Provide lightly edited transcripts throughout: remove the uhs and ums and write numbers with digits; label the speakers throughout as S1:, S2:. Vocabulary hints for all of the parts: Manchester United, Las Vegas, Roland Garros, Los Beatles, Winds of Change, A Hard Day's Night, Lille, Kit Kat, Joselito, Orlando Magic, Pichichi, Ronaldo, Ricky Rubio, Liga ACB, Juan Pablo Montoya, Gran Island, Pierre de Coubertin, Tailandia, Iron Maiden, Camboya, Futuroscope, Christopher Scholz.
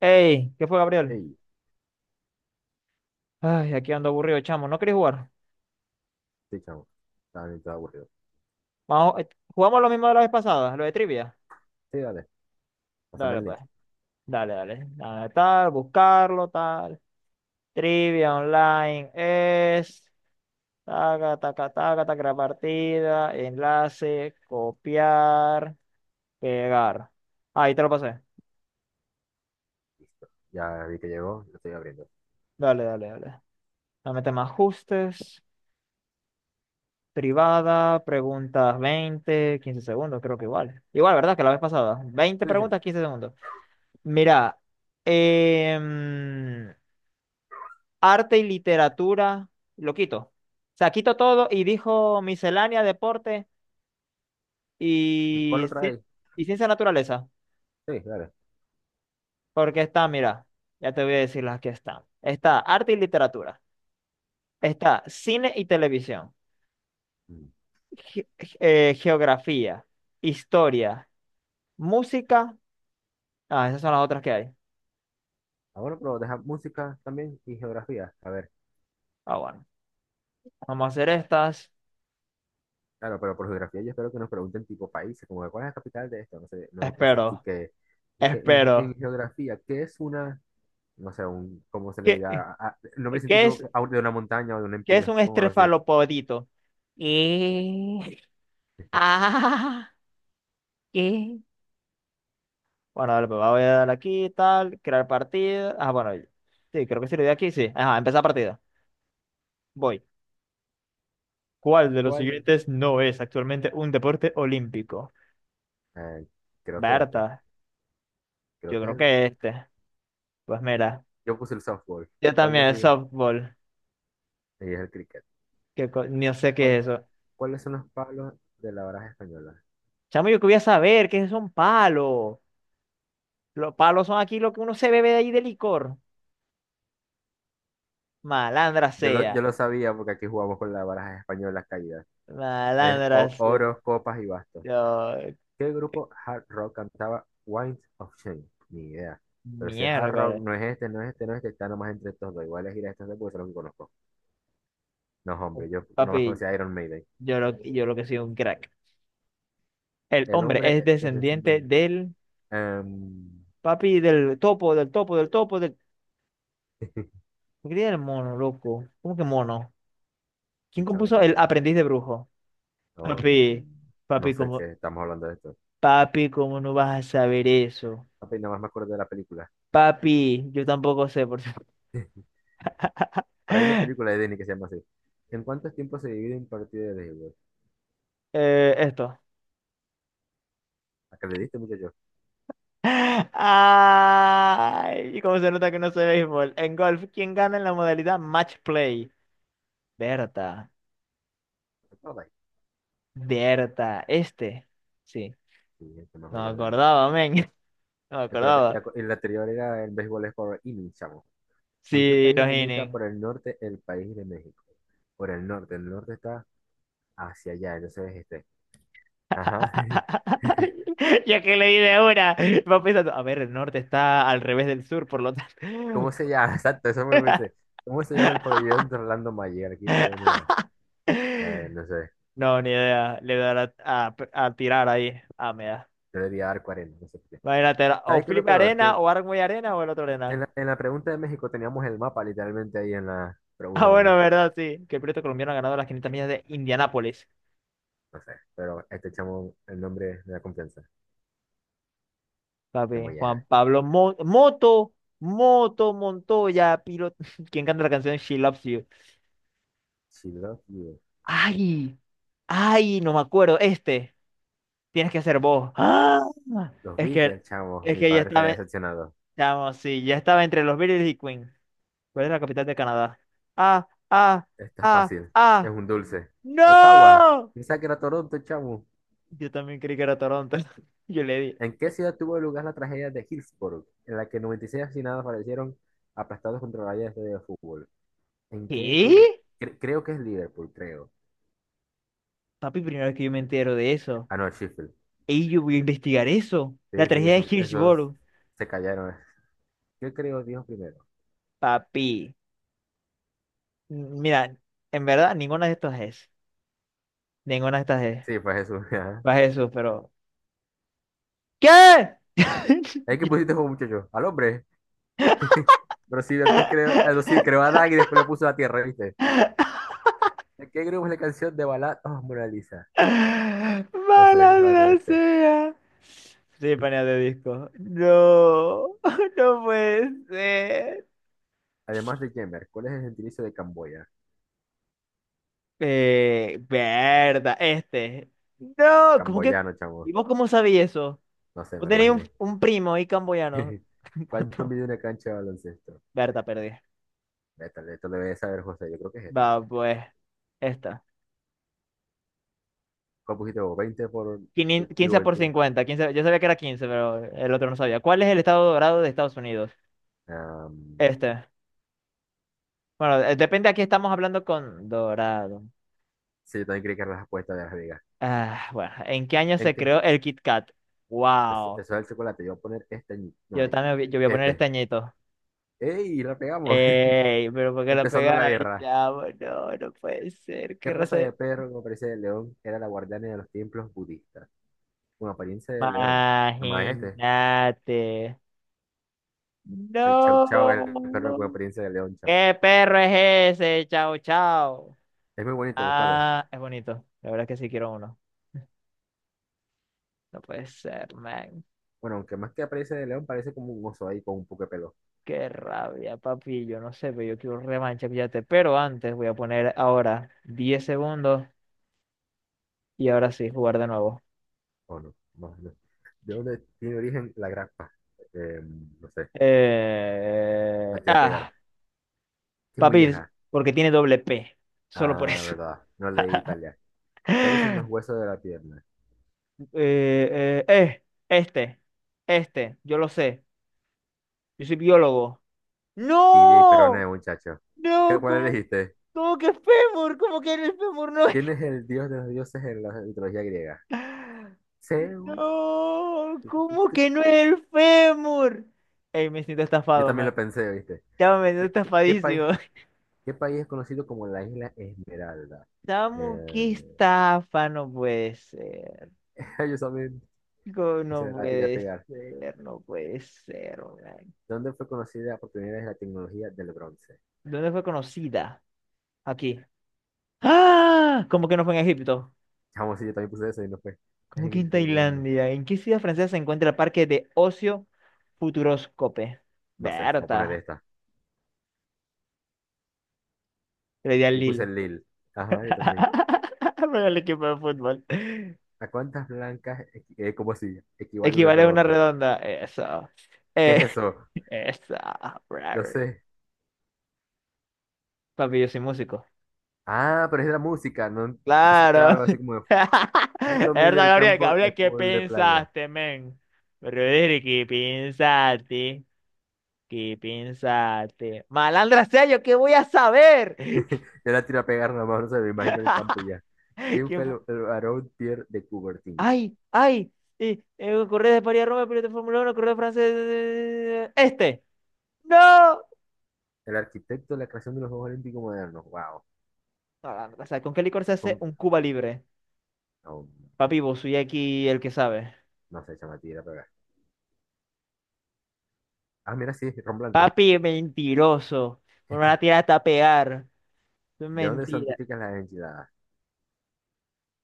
S1: Ey, ¿qué fue, Gabriel?
S2: Hey,
S1: Ay, aquí ando aburrido, chamo. ¿No querés jugar?
S2: sí, chamo. Estaba bien, todo aburrido.
S1: Vamos, jugamos lo mismo de la vez pasada, lo de trivia.
S2: Sí, dale, pásame
S1: Dale,
S2: el
S1: pues.
S2: link.
S1: Dale, dale. Dale, tal, buscarlo, tal. Trivia online es. Taca, taca, taca, taca, la partida, enlace, copiar, pegar. Ahí te lo pasé.
S2: Listo. Ya vi que llegó, lo estoy abriendo.
S1: Dale, dale, dale. Dame temas ajustes, privada, preguntas 20, 15 segundos, creo que igual. Igual, ¿verdad? Que la vez pasada. 20
S2: Sí, sí.
S1: preguntas, 15 segundos. Mira, em, arte y literatura, lo quito. O sea, quito todo y dijo miscelánea, deporte
S2: ¿Y cuál
S1: y,
S2: lo
S1: ci-
S2: trae?
S1: y ciencia naturaleza.
S2: Sí, dale.
S1: Porque está, mira, ya te voy a decir las que están. Está arte y literatura. Está cine y televisión.
S2: Mm.
S1: ge- Geografía, historia, música. Ah, esas son las otras que hay.
S2: Ah, bueno, pero deja música también y geografía. A ver,
S1: Ah, bueno. Vamos a hacer estas.
S2: claro, pero por geografía yo espero que nos pregunten tipo países, como de cuál es la capital de esto, no sé, no cosas así
S1: Espero,
S2: que. Y que en, en
S1: espero.
S2: geografía, ¿qué es una, no sé, un, cómo se le
S1: ¿Qué,
S2: diga, el nombre
S1: qué
S2: científico
S1: es?
S2: que- de una montaña o de una
S1: ¿Qué es un
S2: inclinación o algo así?
S1: estrefalopodito? ¿Qué? Ah, ¿qué? Bueno, dale, pues voy a dar aquí, tal, crear partida. Ah, bueno, sí, creo que sí lo di aquí, sí. Ajá, empezar partida. Voy. ¿Cuál de los
S2: ¿Cuál?
S1: siguientes no es actualmente un deporte olímpico?
S2: Eh, Creo que este,
S1: Berta,
S2: creo
S1: yo
S2: que es
S1: creo
S2: el.
S1: que este. Pues mira,
S2: Yo puse el softball.
S1: yo
S2: ¿Cuál es el?
S1: también, softball.
S2: Sí, es el cricket.
S1: No sé qué
S2: ¿Cuál-
S1: es eso.
S2: cuáles son los palos de la baraja española?
S1: Chamo, yo quería saber qué es un palo. Los palos son aquí lo que uno se bebe de ahí de licor. Malandra
S2: Yo lo,
S1: sea.
S2: yo lo sabía porque aquí jugamos con la baraja española caída. Es
S1: Malandra sea.
S2: oros, copas y bastos.
S1: Yo,
S2: ¿Qué grupo hard rock cantaba Winds of Change? Ni idea. Pero si es
S1: mierda.
S2: hard rock, no es este, no es este, no es este, está nomás entre estos dos. Igual es ir a estos dos porque son los que conozco. No, hombre, yo nomás
S1: Papi,
S2: conocía a Iron Maiden.
S1: yo lo que soy un crack. El
S2: El
S1: hombre es
S2: hombre es el
S1: descendiente del
S2: em,
S1: papi, del topo, del topo, del topo, del. ¿Por qué el mono, loco? ¿Cómo que mono? ¿Quién
S2: sí, chamo, no
S1: compuso
S2: sé.
S1: el aprendiz de brujo?
S2: Um,
S1: Papi,
S2: no
S1: papi,
S2: sé
S1: ¿cómo,
S2: qué estamos hablando de esto.
S1: papi, ¿cómo no vas a saber eso?
S2: Apenas más me acuerdo de la película.
S1: Papi, yo tampoco sé, por cierto.
S2: Por ahí hay una película de Disney que se llama así. ¿En cuántos tiempos se divide un partido de béisbol?
S1: Esto.
S2: ¿A qué le diste, muchacho?
S1: Ay, ¿cómo se nota que no sé béisbol? En golf, ¿quién gana en la modalidad match play? Berta.
S2: ¿A todo ahí?
S1: Berta, este. Sí,
S2: Sí, el que más
S1: no me
S2: mayor gana.
S1: acordaba, men. No me
S2: Acuérdate, y
S1: acordaba.
S2: acu- y la anterior era el béisbol es por inning, chamo. ¿Con qué
S1: Sí,
S2: país
S1: los
S2: limita
S1: Inen.
S2: por el norte el país de México? Por el norte. El norte está hacia allá, entonces este. Ajá.
S1: Ya que leí de una, va pensando, a ver, el norte está al revés del sur, por lo tanto.
S2: ¿Cómo se llama? Exacto, eso me pensé. ¿Cómo se llama el pabellón de Orlando Magic? Aquí pueden, no sé,
S1: No, ni idea. Le dará a tirar ahí. Ah, me da.
S2: yo le di a dar 40, no sé qué.
S1: Imagínate, era o
S2: ¿Sabes qué es lo
S1: Felipe
S2: peor?
S1: Arena,
S2: Que
S1: o Armoy Arena, o el otro
S2: En
S1: Arena.
S2: la, en la pregunta de México teníamos el mapa literalmente ahí en la
S1: Ah,
S2: pregunta
S1: bueno,
S2: también.
S1: verdad, sí. Que el piloto colombiano ha ganado las 500 millas de Indianápolis.
S2: No sé, pero este chamo, el nombre de la confianza. Que
S1: Papi,
S2: muy
S1: Juan
S2: ajá.
S1: Pablo Montoya, piloto. ¿Quién canta la canción She Loves You?
S2: She love you.
S1: Ay, ay, no me acuerdo. Este, tienes que ser vos. ¡Ah!
S2: Los
S1: Es que,
S2: Beatles, chamo.
S1: es
S2: Mi
S1: que ya
S2: padre estaría
S1: estaba,
S2: decepcionado.
S1: chamo, sí, ya estaba entre los Beatles y Queen. ¿Cuál es la capital de Canadá? Ah, ah,
S2: Esto es
S1: ah,
S2: fácil. Es
S1: ah.
S2: un dulce. Ottawa.
S1: ¡No!
S2: Pensaba que era Toronto, chamo.
S1: Yo también creí que era Toronto. Yo le di.
S2: ¿En qué ciudad tuvo lugar la tragedia de Hillsborough, en la que 96 asesinados fallecieron aplastados contra vallas de fútbol? ¿En qué tuvo?
S1: ¿Qué?
S2: Creo que es Liverpool, creo.
S1: Papi, primera vez que yo me entero de eso.
S2: Ah, no, Sheffield.
S1: Y yo voy a investigar eso. La
S2: Sí, sí,
S1: tragedia de
S2: esos
S1: Hillsborough.
S2: se callaron. ¿Qué creo Dios primero?
S1: Papi, mira, en verdad ninguna de estas es. Ninguna de estas es.
S2: Sí, fue Jesús. Ajá.
S1: Va Jesús, pero. ¿Qué?
S2: Es que pusiste como muchacho, al hombre. Pero sí, antes creó, ah, no, sí, creó a Adán y después lo puso a la tierra, ¿viste? ¿De qué grupo es la canción de Balad oh, Mona Lisa? No sé, es la verdad
S1: Malandra
S2: este.
S1: sea. Sí, panea de disco. No, no puede ser.
S2: Además de Jemer, ¿cuál es el gentilicio de Camboya?
S1: Verdad, este. No, ¿cómo que?
S2: Camboyano, chavo.
S1: ¿Y vos cómo sabías eso?
S2: No sé,
S1: Vos
S2: me lo
S1: tenías un,
S2: imaginé.
S1: un primo y camboyano.
S2: ¿Cuánto
S1: ¿Cuánto?
S2: mide una cancha de baloncesto?
S1: Berta, perdí.
S2: Vete, esto lo debe saber José, yo creo que es esta.
S1: Va, pues. Esta.
S2: ¿Cuál pusiste vos? 20 por. Digo,
S1: 15 por
S2: 20.
S1: 50 15, yo sabía que era 15, pero el otro no sabía. ¿Cuál es el estado dorado de Estados Unidos?
S2: Ah,
S1: Este. Bueno, depende, aquí estamos hablando con dorado.
S2: sí, yo también creí que era la respuesta de Las Vegas.
S1: Ah, bueno, ¿en qué año
S2: ¿En
S1: se
S2: qué?
S1: creó el Kit Kat?
S2: Eso,
S1: Wow.
S2: eso es el chocolate. Yo voy a poner este. Añi- no,
S1: Yo
S2: es
S1: también yo voy a poner este
S2: este.
S1: añito.
S2: ¡Ey! La pegamos.
S1: Ey, pero ¿por qué lo
S2: Empezando la
S1: pegáis,
S2: guerra.
S1: chavo? No, no puede ser.
S2: ¿Qué
S1: ¿Qué
S2: raza
S1: raza es?
S2: de perro con apariencia de león era la guardiana de los templos budistas? Con apariencia de león. Nomás es este.
S1: Imagínate.
S2: El chau chau, el perro con
S1: No.
S2: apariencia de león, chamo.
S1: ¿Qué perro es ese? Chao, chao.
S2: Es muy bonito, buscarlo.
S1: Ah, es bonito. La verdad es que sí quiero uno. No puede ser, man.
S2: Bueno, aunque más que apariencia de león, parece como un oso ahí con un poco de pelo.
S1: Qué rabia, papi. Yo no sé, pero yo quiero revancha, fíjate. Pero antes voy a poner ahora 10 segundos y ahora sí, jugar de nuevo.
S2: ¿O no? No, no. ¿De dónde tiene origen la grapa? Eh, no sé. A tirar a
S1: Ah,
S2: pegar. ¿Qué
S1: papi,
S2: molleja?
S1: porque tiene doble P. Solo por
S2: Ah,
S1: eso.
S2: verdad. No leí Italia. ¿Cuáles son los huesos de la pierna?
S1: Eh, eh, eh, este, yo lo sé. Yo soy biólogo.
S2: Tibia y peroné,
S1: ¡No!
S2: muchacho. ¿Qué-
S1: No,
S2: ¿Cuál
S1: ¿cómo?
S2: elegiste?
S1: ¿Cómo que fémur? ¿Cómo que el fémur no es?
S2: ¿Quién es el dios de los dioses en la mitología griega? Zeus.
S1: No, ¿cómo que no es el fémur? Ey, me siento
S2: Yo
S1: estafado,
S2: también lo
S1: man.
S2: pensé, ¿viste?
S1: Ya me siento
S2: ¿Qué, qué- qué país,
S1: estafadísimo.
S2: qué país es conocido como la isla Esmeralda?
S1: Chamo, qué
S2: Eh,
S1: estafa, no puede ser.
S2: yo también, o
S1: No
S2: sea, la tiré a
S1: puede
S2: pegar.
S1: ser, no puede ser, man.
S2: ¿Dónde fue conocida por primera vez la tecnología del bronce?
S1: ¿Dónde fue conocida? Aquí. ¡Ah! ¿Cómo que no fue en Egipto?
S2: Chamo, sí, yo también puse eso y no fue. Es
S1: ¿Cómo que
S2: en
S1: en
S2: Tailandia.
S1: Tailandia? ¿En qué ciudad francesa se encuentra el parque de ocio Futuroscope?
S2: No sé, voy a poner
S1: Berta.
S2: esta.
S1: Le di al
S2: Yo puse
S1: Lille.
S2: Lille. Ajá, yo también.
S1: Para el equipo de fútbol.
S2: ¿A cuántas blancas, como si, equivale una
S1: Equivale a una
S2: redonda?
S1: redonda. Eso.
S2: ¿Qué
S1: Eh,
S2: es eso?
S1: Eso.
S2: No
S1: Brother.
S2: sé.
S1: Papi, yo soy músico.
S2: Ah, pero es de la música, no pensé que era
S1: Claro.
S2: algo así como de. Un
S1: Es
S2: Tommy
S1: verdad,
S2: del
S1: Gabriel.
S2: campo de
S1: Gabriel, ¿qué
S2: fútbol de playa.
S1: pensaste, men? Brother, ¿qué pensaste? ¿Qué pensaste? Malandra sea yo, ¿qué voy a saber?
S2: Yo la tiro a pegar nada más, no se me imagino el campo y ya. ¿Quién
S1: ¿Quién
S2: fue
S1: fu-
S2: el barón Pierre de Coubertin?
S1: ¡Ay! ¡Ay! Correo de París a Roma, piloto de Fórmula Uno, correo francés. Este. ¡No!
S2: El arquitecto de la creación de los Juegos Olímpicos modernos. Wow.
S1: No, o sea, ¿con qué licor se hace
S2: Con-
S1: un Cuba libre?
S2: no,
S1: Papi, vos soy aquí el que sabe.
S2: no sé, chama, tira a pegar. Ah, mira, sí, ron blanco.
S1: Papi, mentiroso. Me van a tirar hasta pegar. Eso es
S2: ¿De dónde son
S1: mentira.
S2: típicas las enchiladas?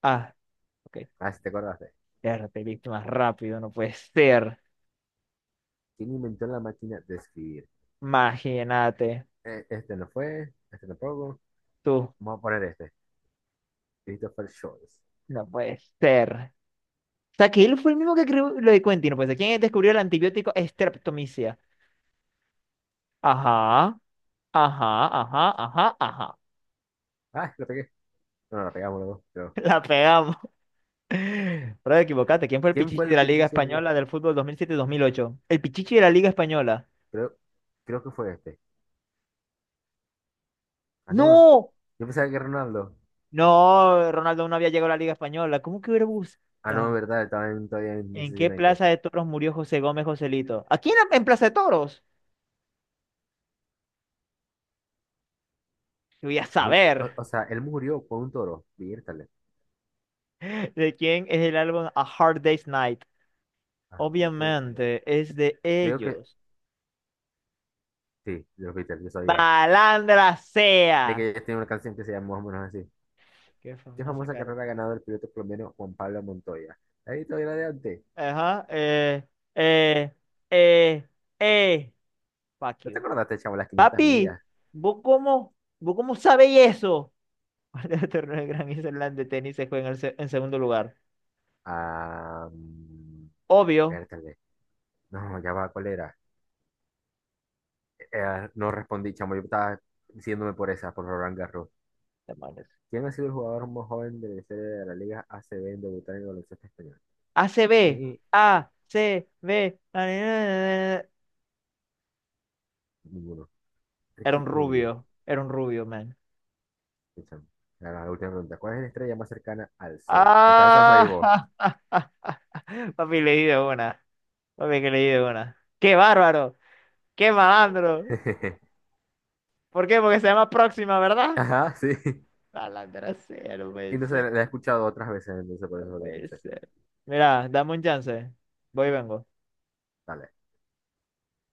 S1: Ah, ok.
S2: Ah, si te acordaste.
S1: Ya te viste más rápido, no puede ser.
S2: ¿Quién inventó la máquina de escribir?
S1: Imagínate.
S2: Este no fue, este tampoco.
S1: Tú,
S2: Vamos a poner este. Christopher Scholz.
S1: no puede ser. O sea, que él fue el mismo que creó lo de Quentin, no puede ser. ¿Quién descubrió el antibiótico streptomicina? Ajá, ajá, ajá, ajá, ajá.
S2: Ah, lo pegué. No, no, la pegamos los dos, creo.
S1: La pegamos. Bro, equivocaste. ¿Quién fue el
S2: ¿Quién
S1: Pichichi
S2: fue
S1: de
S2: el
S1: la Liga
S2: pichiche?
S1: Española del fútbol 2007-2008? El Pichichi de la Liga Española.
S2: Creo, creo que fue este. Ah, no.
S1: ¡No!
S2: Yo pensaba que Ronaldo.
S1: No, Ronaldo no había llegado a la Liga Española. ¿Cómo que hubiera
S2: Ah, no, es
S1: buscado?
S2: verdad, estaba todavía en
S1: ¿En
S2: Manchester
S1: qué
S2: United. O
S1: plaza de toros murió José Gómez Joselito? ¿Aquí en Plaza de Toros? Yo voy a
S2: o-
S1: saber
S2: o sea, él murió por un toro. Viértale.
S1: de quién es el álbum A Hard Day's Night.
S2: Ajá, sí, sí.
S1: Obviamente es de
S2: Creo que
S1: ellos.
S2: sí, los Beatles, yo sabía.
S1: ¡Balandra
S2: Es
S1: sea!
S2: que ellos tienen una canción que se llama más o menos así.
S1: Qué
S2: ¿Qué
S1: famosa
S2: famosa
S1: cara.
S2: carrera ha ganado el piloto colombiano Juan Pablo Montoya? Ahí todavía la de antes.
S1: Ajá. Eh, eh, eh. Fuck
S2: ¿No
S1: you.
S2: te acordaste, chavo, las 500
S1: Papi,
S2: millas?
S1: ¿vos cómo, vos cómo sabéis eso? Cuando el torneo de Gran Island de tenis se juega en segundo lugar.
S2: Ah, mm,
S1: Obvio.
S2: viértale. No, ya va, ¿cuál era? Ah, no respondí, chamo, yo estaba diciéndome por esa, por Roland Garros.
S1: Demonios.
S2: ¿Quién ha sido el jugador más joven de la historia de la Liga ACB en debutar en el baloncesto español?
S1: ACB.
S2: Ni
S1: ACB.
S2: ninguno.
S1: Era
S2: Ricky
S1: un
S2: Rubio.
S1: rubio. Era un rubio, man.
S2: Escúchame. Ahora, la última pregunta. ¿Cuál es la estrella más cercana al Sol? Está la salsa de
S1: Ah,
S2: vos.
S1: papi, leí de una. Papi, que leí de una. ¡Qué bárbaro! ¡Qué malandro! ¿Por qué? Porque se llama Próxima, ¿verdad?
S2: Ajá, sí.
S1: Malandra, cero, no puede
S2: Y no sé,
S1: ser,
S2: la he escuchado otras veces, entonces por
S1: no
S2: eso lo
S1: puede
S2: pensé.
S1: ser. Mira, dame un chance. Voy y vengo.
S2: Dale.